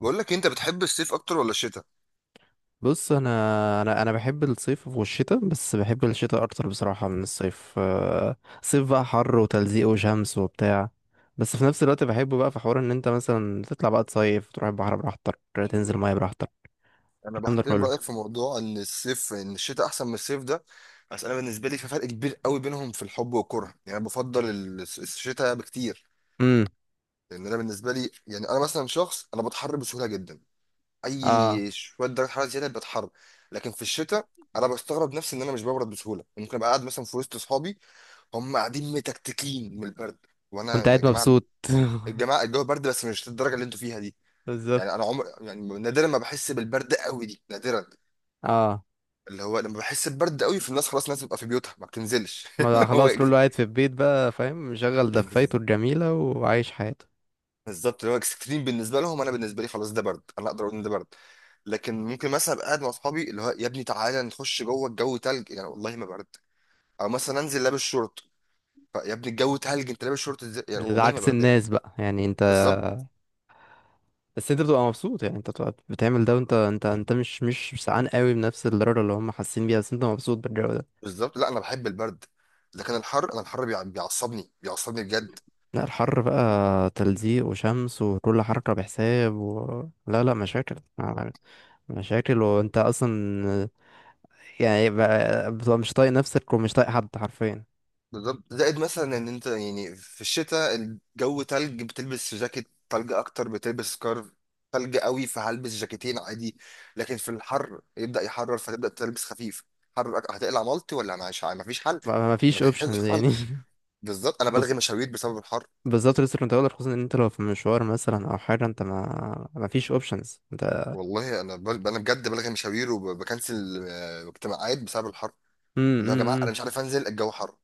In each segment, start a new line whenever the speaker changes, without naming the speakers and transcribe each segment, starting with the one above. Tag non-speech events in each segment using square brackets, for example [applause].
بقول لك إيه، انت بتحب الصيف اكتر ولا الشتاء؟
بص، انا بحب الصيف والشتاء، بس بحب الشتاء اكتر بصراحه من الصيف. صيف بقى حر وتلزيق وشمس وبتاع، بس في نفس الوقت بحبه بقى في حوار ان انت مثلا تطلع بقى تصيف، تروح البحر براحتك، تنزل ميه براحتك.
انا
الكلام ده
بحترم
كله.
رايك في موضوع ان الشتاء احسن من الصيف ده. بس انا بالنسبه لي في فرق كبير قوي بينهم في الحب والكره، يعني انا بفضل الشتاء بكتير،
امم.
لان انا بالنسبه لي يعني انا مثلا شخص انا بتحر بسهوله جدا.
اه،
اي شويه درجه حراره زياده بتحر. لكن في الشتاء انا بستغرب نفسي ان انا مش ببرد بسهوله. ممكن ابقى قاعد مثلا في وسط اصحابي هم قاعدين متكتكين من البرد، وانا
وانت
يا
قاعد
جماعه
مبسوط [laughs]
الجماعه الجو برد بس مش الدرجه اللي انتوا فيها دي. يعني انا
بالظبط.
عمر يعني نادرا ما بحس بالبرد قوي دي، نادرا.
اه،
اللي هو لما بحس ببرد قوي في الناس خلاص، الناس بتبقى في بيوتها ما بتنزلش.
ما
[laughs]
ده
اللي هو
خلاص كله قاعد في البيت بقى فاهم، مشغل دفايته الجميله وعايش حياته.
بالظبط اللي هو اكستريم بالنسبه لهم. انا بالنسبه لي خلاص، ده برد، انا اقدر اقول ان ده برد. لكن ممكن مثلا ابقى قاعد مع اصحابي اللي هو يا ابني تعالى نخش جوه الجو تلج، يعني والله ما برد. او مثلا انزل لابس شورت. يا ابني الجو تلج انت لابس شورت ازاي؟ يعني
ده
والله ما
عكس
بردان.
الناس بقى، يعني انت
بالظبط،
بس انت بتبقى مبسوط، يعني انت بتبقى بتعمل ده وانت انت انت مش سعان قوي بنفس الدرجة اللي هم حاسين بيها، بس انت مبسوط بالجو ده.
بالظبط، لا انا بحب البرد. لكن الحر، انا الحر بيعصبني بجد.
لا، الحر بقى تلزيق وشمس وكل حركة بحساب و لا لا مشاكل، مشاكل، وانت اصلا يعني بقى بتبقى مش طايق نفسك ومش طايق حد حرفيا.
بالظبط. زائد مثلا ان انت يعني في الشتاء الجو تلج بتلبس في جاكيت، تلج اكتر بتلبس سكارف، تلج قوي فهلبس جاكيتين عادي. لكن في الحر يبدأ يحرر فتبدأ تلبس خفيف. حر هتقلع مالتي؟ ولا مش عارف، مفيش حل.
ما فيش
[laughs] مفيش
اوبشن
حل.
يعني [laughs]
بالظبط، انا
خص-
بلغي مشاوير بسبب الحر.
بالظبط، لسه كنت هقولك، خصوصا ان انت لو في مشوار مثلا او حاجة انت، ما فيش اوبشنز انت.
والله انا انا بجد بلغي مشاوير وبكنسل اجتماعات بسبب الحر. اللي هو يا جماعه
امم.
انا مش عارف انزل الجو حر.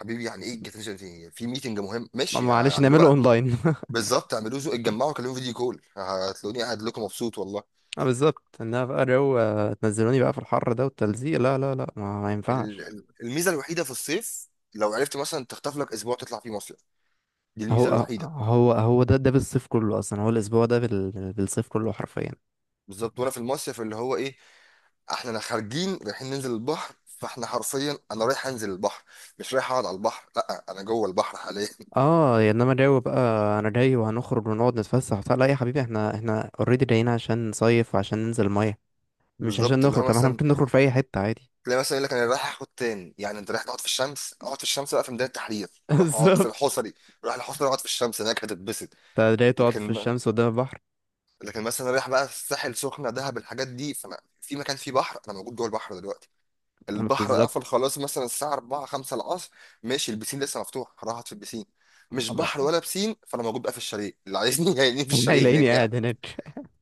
حبيبي يعني ايه الجاكيت؟ في ميتنج مهم ماشي
معلش
هعمله
نعمله
بقى.
اونلاين [laughs]
بالظبط، اعملوا اتجمعوا، كلموا فيديو كول، هتلاقوني قاعد لكم مبسوط والله.
اه بالظبط، انها بقى جو، تنزلوني بقى في الحر ده والتلزيق، لا لا لا، ما ينفعش.
الميزه الوحيده في الصيف لو عرفت مثلا تخطف لك اسبوع تطلع فيه مصيف، دي الميزه
هو
الوحيده.
هو ده بالصيف كله، اصلا هو الاسبوع ده بال... بالصيف كله حرفيا.
بالظبط. وانا في المصيف اللي هو ايه، احنا خارجين رايحين ننزل البحر، فاحنا حرفيا انا رايح انزل البحر، مش رايح اقعد على البحر، لا، انا جوه البحر حاليا. [laughs]
اه يا انما جو بقى. انا جاي وهنخرج ونقعد نتفسح وبتاع، لا يا حبيبي احنا اوريدي جايين عشان نصيف وعشان ننزل الميه، مش عشان
بالظبط، اللي هو
نخرج. طب احنا
مثلا
ممكن نخرج في اي حته عادي.
تلاقي مثلا يقول لك انا رايح اخد تان، يعني انت رايح تقعد في الشمس؟ اقعد في الشمس بقى في ميدان التحرير.
[laughs]
روح اقعد في
بالظبط.
الحصري، روح الحصري اقعد في الشمس هناك، هتتبسط.
انت جاي تقعد في
لكن
الشمس قدام البحر.
لكن مثلا رايح بقى الساحل، سخنه، دهب، الحاجات دي، فانا في مكان فيه بحر، انا موجود جوه البحر دلوقتي. البحر قفل
بالظبط.
خلاص مثلا الساعه 4 5 العصر، ماشي البسين لسه مفتوح، راحت في البسين.
[laughs]
مش بحر
أما-
ولا بسين، فانا موجود بقى في الشاليه اللي عايزني. [laughs] يعني في الشاليه
هيلاقيني
هناك قاعد.
قاعد هناك.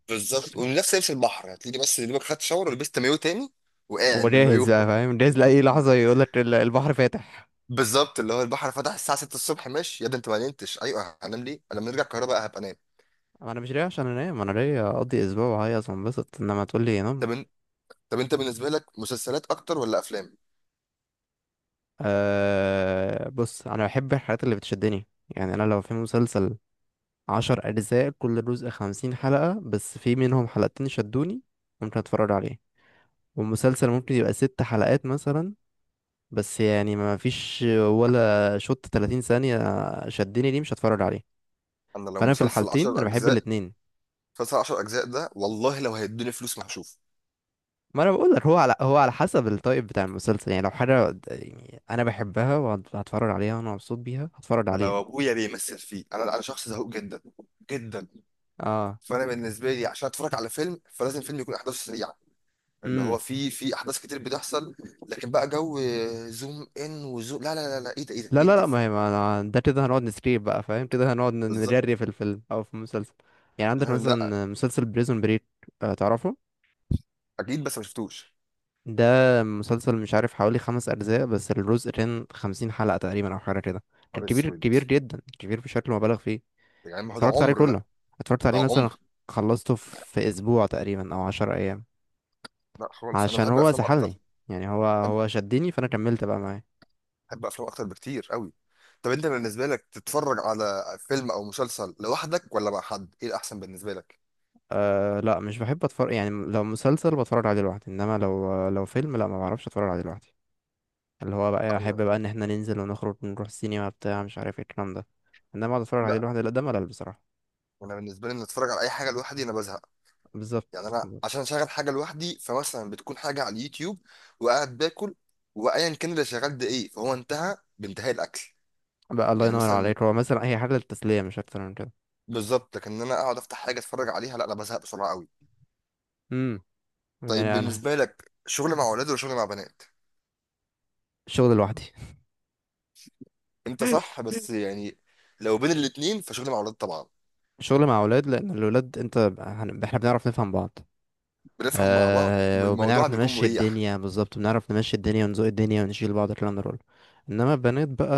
بالظبط، ونفس لبس البحر، هتلاقي بس يا دوبك خدت شاور ولبست مايو تاني
[laughs]
وقاعد بالمايو.
وجاهز بقى فاهم، جاهز لأي لحظة يقولك البحر فاتح.
بالظبط، اللي هو البحر فتح الساعه 6 الصبح، ماشي، يا ده انت ما نمتش؟ ايوه هنام ليه؟ انا لما نرجع القاهره بقى هبقى انام.
ما انا مش ليا عشان انام، انا ليا اقضي اسبوع وهيص وانبسط، انما تقول لي نام.
طب إن- طب انت بالنسبه لك مسلسلات اكتر ولا افلام؟
أه بص، انا بحب الحاجات اللي بتشدني. يعني انا لو في مسلسل 10 اجزاء، كل جزء 50 حلقة، بس في منهم حلقتين شدوني، ممكن اتفرج عليه. والمسلسل ممكن يبقى ست حلقات مثلا، بس يعني ما فيش ولا شوط 30 ثانية شدني، ليه مش هتفرج عليه.
انا لو
فانا في
مسلسل
الحالتين
10
انا بحب
اجزاء،
الاتنين.
مسلسل 10 اجزاء ده والله لو هيدوني فلوس ما هشوفه.
ما انا بقول لك هو على حسب التايب بتاع المسلسل. يعني لو حاجه يعني انا بحبها وهتفرج عليها وانا مبسوط بيها هتفرج عليها.
لو ابويا بيمثل فيه، انا شخص زهوق جدا، جدا.
اه.
فانا بالنسبه لي عشان اتفرج على فيلم، فلازم فيلم يكون احداثه سريعه، اللي هو
امم.
فيه في احداث كتير بتحصل. لكن بقى جو زوم ان وزوم، لا لا لا لا، ايه ده ايه
لا
ده
لا لا،
انجز.
ما هي، ما أنا ده كده هنقعد نسكيب بقى فاهم، كده هنقعد
بالظبط.
نجري في الفيلم او في المسلسل. يعني عندك
لا، لا،
مثلا مسلسل بريزون بريك، تعرفه؟
اكيد بس ما شفتوش.
ده مسلسل مش عارف حوالي 5 اجزاء، بس الجزء كان 50 حلقه تقريبا او حاجه كده. كان
نهار
كبير
اسود،
كبير جدا، كبير بشكل مبالغ فيه.
يعني ما هو ده
اتفرجت عليه
عمر ده،
كله. اتفرجت
ده
عليه مثلا
عمر.
خلصته في اسبوع تقريبا او 10 ايام.
لا خالص، انا
عشان
بحب
هو
افلام اكتر،
سحلني، يعني هو شدني فانا كملت بقى معاه.
بحب افلام اكتر بكتير قوي. طب انت بالنسبه لك تتفرج على فيلم او مسلسل لوحدك ولا مع حد؟ ايه الاحسن بالنسبه لك؟
أه لا، مش بحب اتفرج. يعني لو مسلسل بتفرج عليه لوحدي، انما لو لو فيلم لا ما بعرفش اتفرج عليه لوحدي. اللي هو بقى
انا
احب بقى ان احنا ننزل ونخرج ونروح السينما بتاع مش عارف ايه الكلام ده. انما اقعد اتفرج عليه
لا،
لوحدي لا ده ملل بصراحة.
انا بالنسبه لي ان اتفرج على اي حاجه لوحدي انا بزهق.
بالظبط،
يعني انا
بالظبط.
عشان اشغل حاجه لوحدي فمثلا بتكون حاجه على اليوتيوب وقاعد باكل، وايا كان اللي شغال ده ايه فهو انتهى بانتهاء الاكل.
بقى الله
يعني
ينور
مثلا،
عليك، هو مثلا هي حاجة للتسلية مش اكتر من كده.
بالظبط. لكن ان انا اقعد افتح حاجه اتفرج عليها، لا، انا بزهق بسرعه قوي.
امم.
طيب
يعني انا.
بالنسبه لك شغل مع اولاد ولا شغل مع بنات؟
شغل لوحدي
انت صح،
[laughs]
بس يعني لو بين الاتنين فشغل مع اولاد طبعا.
شغل مع اولاد، لان الولاد انت احنا بنعرف نفهم بعض.
بنفهم مع بعض
آه
والموضوع
وبنعرف
بيكون
نمشي
مريح.
الدنيا، بالظبط بنعرف نمشي الدنيا ونزوق الدنيا ونشيل بعض الكلام ده كله. انما البنات بقى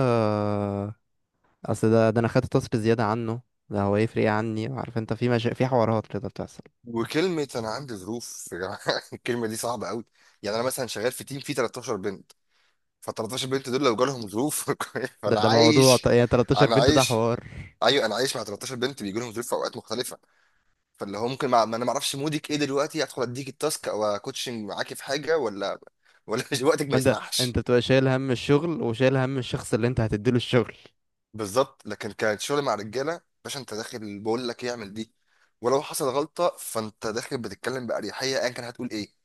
اصل ده انا خدت تصري زياده عنه. ده هو يفرق ايه عني، عارف انت في مشا في حوارات كده بتحصل.
وكلمة أنا عندي ظروف، [laughs] يا جماعة، الكلمة دي صعبة قوي. يعني أنا مثلا شغال في تيم فيه 13 بنت. ف 13 بنت دول لو جالهم ظروف [laughs]
ده
فأنا
ده موضوع
عايش،
يعني 13
أنا
بنت ده
عايش.
حوار.
أيوه، أنا عايش مع 13 بنت بيجي لهم ظروف في أوقات مختلفة. فاللي هو ممكن ما أعرفش مودك إيه دلوقتي، أدخل أديك التاسك أو أكوتشنج معاكي في حاجة، ولا ولا [laughs] وقتك ما
انت
يسمحش.
انت بتبقى شايل هم الشغل وشايل هم الشخص اللي انت هتديله الشغل.
بالظبط. لكن كان شغل مع رجاله باشا، انت داخل بقول لك يعمل دي، ولو حصل غلطه فانت داخل بتتكلم باريحيه ايا كان هتقول ايه.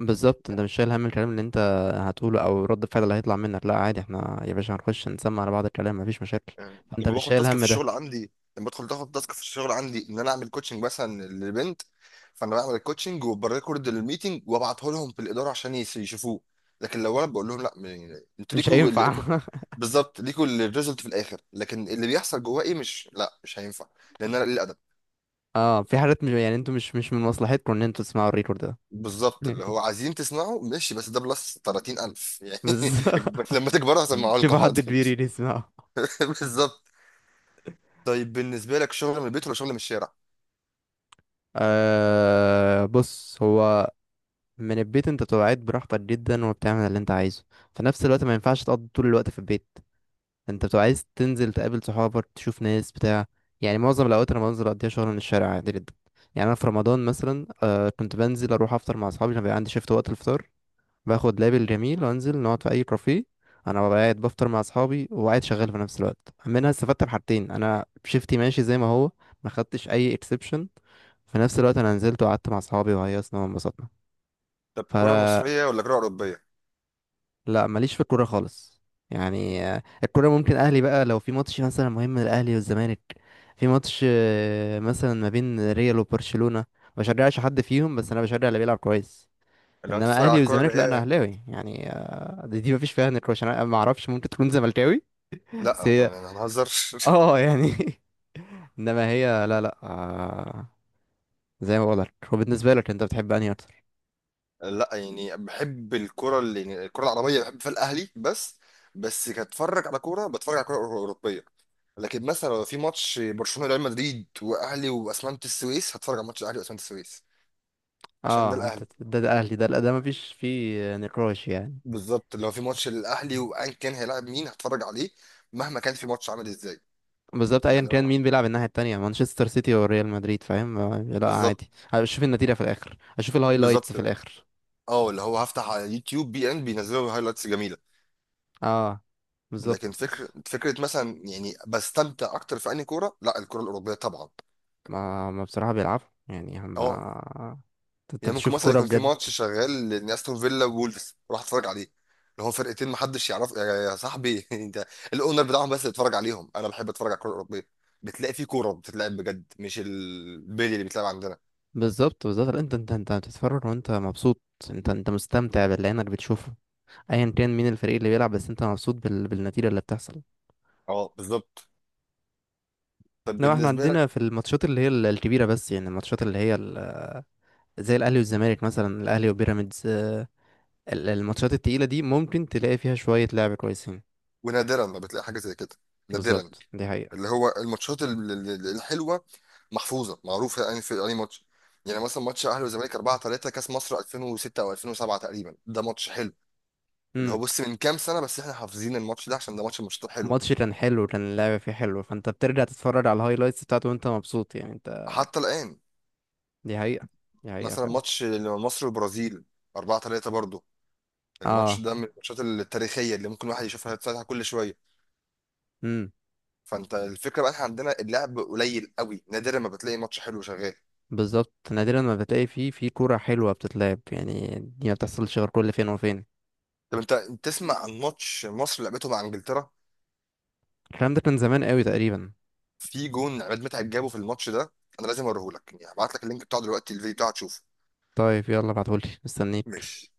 بالظبط انت مش شايل هم الكلام اللي انت هتقوله او رد الفعل اللي هيطلع منك، لا عادي احنا يا باشا هنخش نسمع على بعض الكلام مفيش مشاكل.
يعني
فانت
لما
مش
باخد
شايل
تاسك في
هم ده.
الشغل عندي، لما بدخل تاخد تاسك في الشغل عندي ان انا اعمل كوتشنج مثلا لبنت، فانا بعمل الكوتشنج وبريكورد الميتنج وابعته لهم في الاداره عشان يشوفوه. لكن لو انا بقول لهم لا انتوا
مش
ليكوا
هينفع
الايفورت،
[laughs]
بالظبط، ليكوا الريزلت في الاخر، لكن اللي بيحصل جواه ايه مش هينفع. لان انا
اه، في حاجات مش يعني انتوا مش من مصلحتكم ان انتوا تسمعوا الريكورد ده
بالظبط، اللي
يعني
هو عايزين تسمعه ماشي بس ده بلس 30000
[laughs]
يعني.
بس
[laughs] لما تكبروا هسمعه لكم،
شوفوا حد
حاضر.
كبير يجي يسمعه.
[laughs] بالظبط. طيب بالنسبة لك شغل من البيت ولا شغل من الشارع؟
آه بص هو، من البيت انت بتبقى قاعد براحتك جدا وبتعمل اللي انت عايزه. في نفس الوقت ما ينفعش تقضي طول الوقت في البيت، انت بتبقى عايز تنزل تقابل صحابك تشوف ناس بتاع. يعني معظم الاوقات انا بنزل اقضيها شغل من الشارع عادي جدا. يعني انا في رمضان مثلا كنت بنزل اروح افطر مع اصحابي لما بيبقى عندي شيفت وقت الفطار. باخد لابل جميل وانزل نقعد في اي كافيه. انا ببقى قاعد بفطر مع اصحابي وقاعد شغال في نفس الوقت. منها استفدت بحاجتين، انا شيفتي ماشي زي ما هو، ما خدتش اي اكسبشن. في نفس الوقت انا نزلت وقعدت مع اصحابي وهيصنا وانبسطنا.
طب كرة
فلا.
مصرية ولا كرة أوروبية؟
لا ماليش في الكوره خالص. يعني الكوره ممكن اهلي بقى لو في ماتش مثلا مهم للاهلي والزمالك. في ماتش مثلا ما بين ريال وبرشلونة ما بشجعش حد فيهم، بس انا بشجع اللي بيلعب كويس.
لو أنت
انما
بتتفرج على
اهلي
الكرة اللي
والزمالك لا، انا
هي،
اهلاوي يعني، دي مفيش فيها نقاش. انا ما اعرفش ممكن تكون زملكاوي بس
لا،
هي
أنا هنهزر.
اه يعني [laughs] انما هي لا لا زي ما بقولك هو بالنسبه لك، انت بتحب انهي اكتر؟
[laughs] لا، يعني بحب الكرة اللي يعني الكرة العربية بحب فيها الأهلي بس، بس كاتفرج على كورة بتفرج على كرة أوروبية. لكن مثلا لو في ماتش برشلونة ريال مدريد وأهلي وأسمنت السويس، هتفرج على ماتش الأهلي وأسمنت السويس، عشان ده
اه انت
الأهلي.
ده اهلي ده لا ده مفيش فيه نقاش يعني.
بالظبط، لو في ماتش للاهلي وان كان هيلاعب مين هتفرج عليه، مهما كان في ماتش عامل ازاي.
بالظبط ايا
يعني
كان
اه،
مين بيلعب الناحيه التانية، مانشستر سيتي وريال مدريد فاهم، لا
بالظبط،
عادي اشوف النتيجه في الاخر، اشوف الهايلايتس
بالظبط.
في الاخر.
اه، اللي هو هفتح على يوتيوب بي ان بينزلوا هايلايتس جميله.
اه بالظبط.
لكن فكره فكره مثلا، يعني بستمتع اكتر في انهي كوره؟ لا الكوره الاوروبيه طبعا.
ما بصراحه بيلعبوا يعني هم،
اه،
انت
يعني ممكن
بتشوف
مثلا
كوره
يكون في
بجد.
ماتش شغال لاستون فيلا وولفز اروح اتفرج عليه، اللي هو فرقتين محدش يعرف، يا صاحبي، [laughs] انت الاونر بتاعهم؟ بس اتفرج عليهم، انا بحب اتفرج على الكوره الاوروبيه، بتلاقي في كوره بتتلعب بجد، مش البيلي اللي بيتلعب عندنا.
بالظبط، بالظبط، لا، انت بتتفرج وانت مبسوط. انت مستمتع باللي عينك بتشوفه، ايا كان مين الفريق اللي بيلعب، بس انت مبسوط بال... بالنتيجه اللي بتحصل.
اه بالظبط. طب
انما احنا
بالنسبه لك،
عندنا في الماتشات اللي هي الكبيره، بس يعني الماتشات اللي هي ال... زي الاهلي والزمالك مثلا، الاهلي وبيراميدز، الماتشات التقيله دي ممكن تلاقي فيها شويه لعب كويسين.
ونادرا ما بتلاقي حاجه زي كده، نادرا.
بالظبط دي حقيقه.
اللي هو الماتشات الحلوه محفوظه معروفه يعني في اي ماتش. يعني مثلا ماتش اهلي وزمالك 4-3 كاس مصر 2006 او 2007 تقريبا، ده ماتش حلو. اللي هو
امم.
بص من كام سنه بس احنا حافظين الماتش ده عشان ده ماتش من الماتشات الحلوه
الماتش كان حلو، كان اللعب فيه حلو، فانت بترجع تتفرج على الهايلايتس بتاعته وانت مبسوط يعني انت.
حتى الان.
دي حقيقه. دي حقيقه
مثلا
فعلا.
ماتش مصر والبرازيل 4-3 برضه، الماتش
اه.
ده من الماتشات التاريخيه اللي ممكن واحد يشوفها يتفتح كل شويه.
امم.
فانت الفكره بقى احنا عندنا اللعب قليل قوي، نادرا ما بتلاقي ماتش حلو شغال.
بالظبط نادرا ما بتلاقي فيه في كورة حلوة بتتلعب، يعني دي ما بتحصلش غير كل فين وفين.
طب انت، تسمع عن ماتش مصر لعبته مع انجلترا؟
الكلام ده كان زمان قوي تقريبا.
في جون عماد متعب جابه في الماتش ده، انا لازم اوريهولك، يعني هبعت لك اللينك بتاعه دلوقتي الفيديو بتاعه تشوفه.
طيب يلا ابعتهولي مستنيك.
ماشي.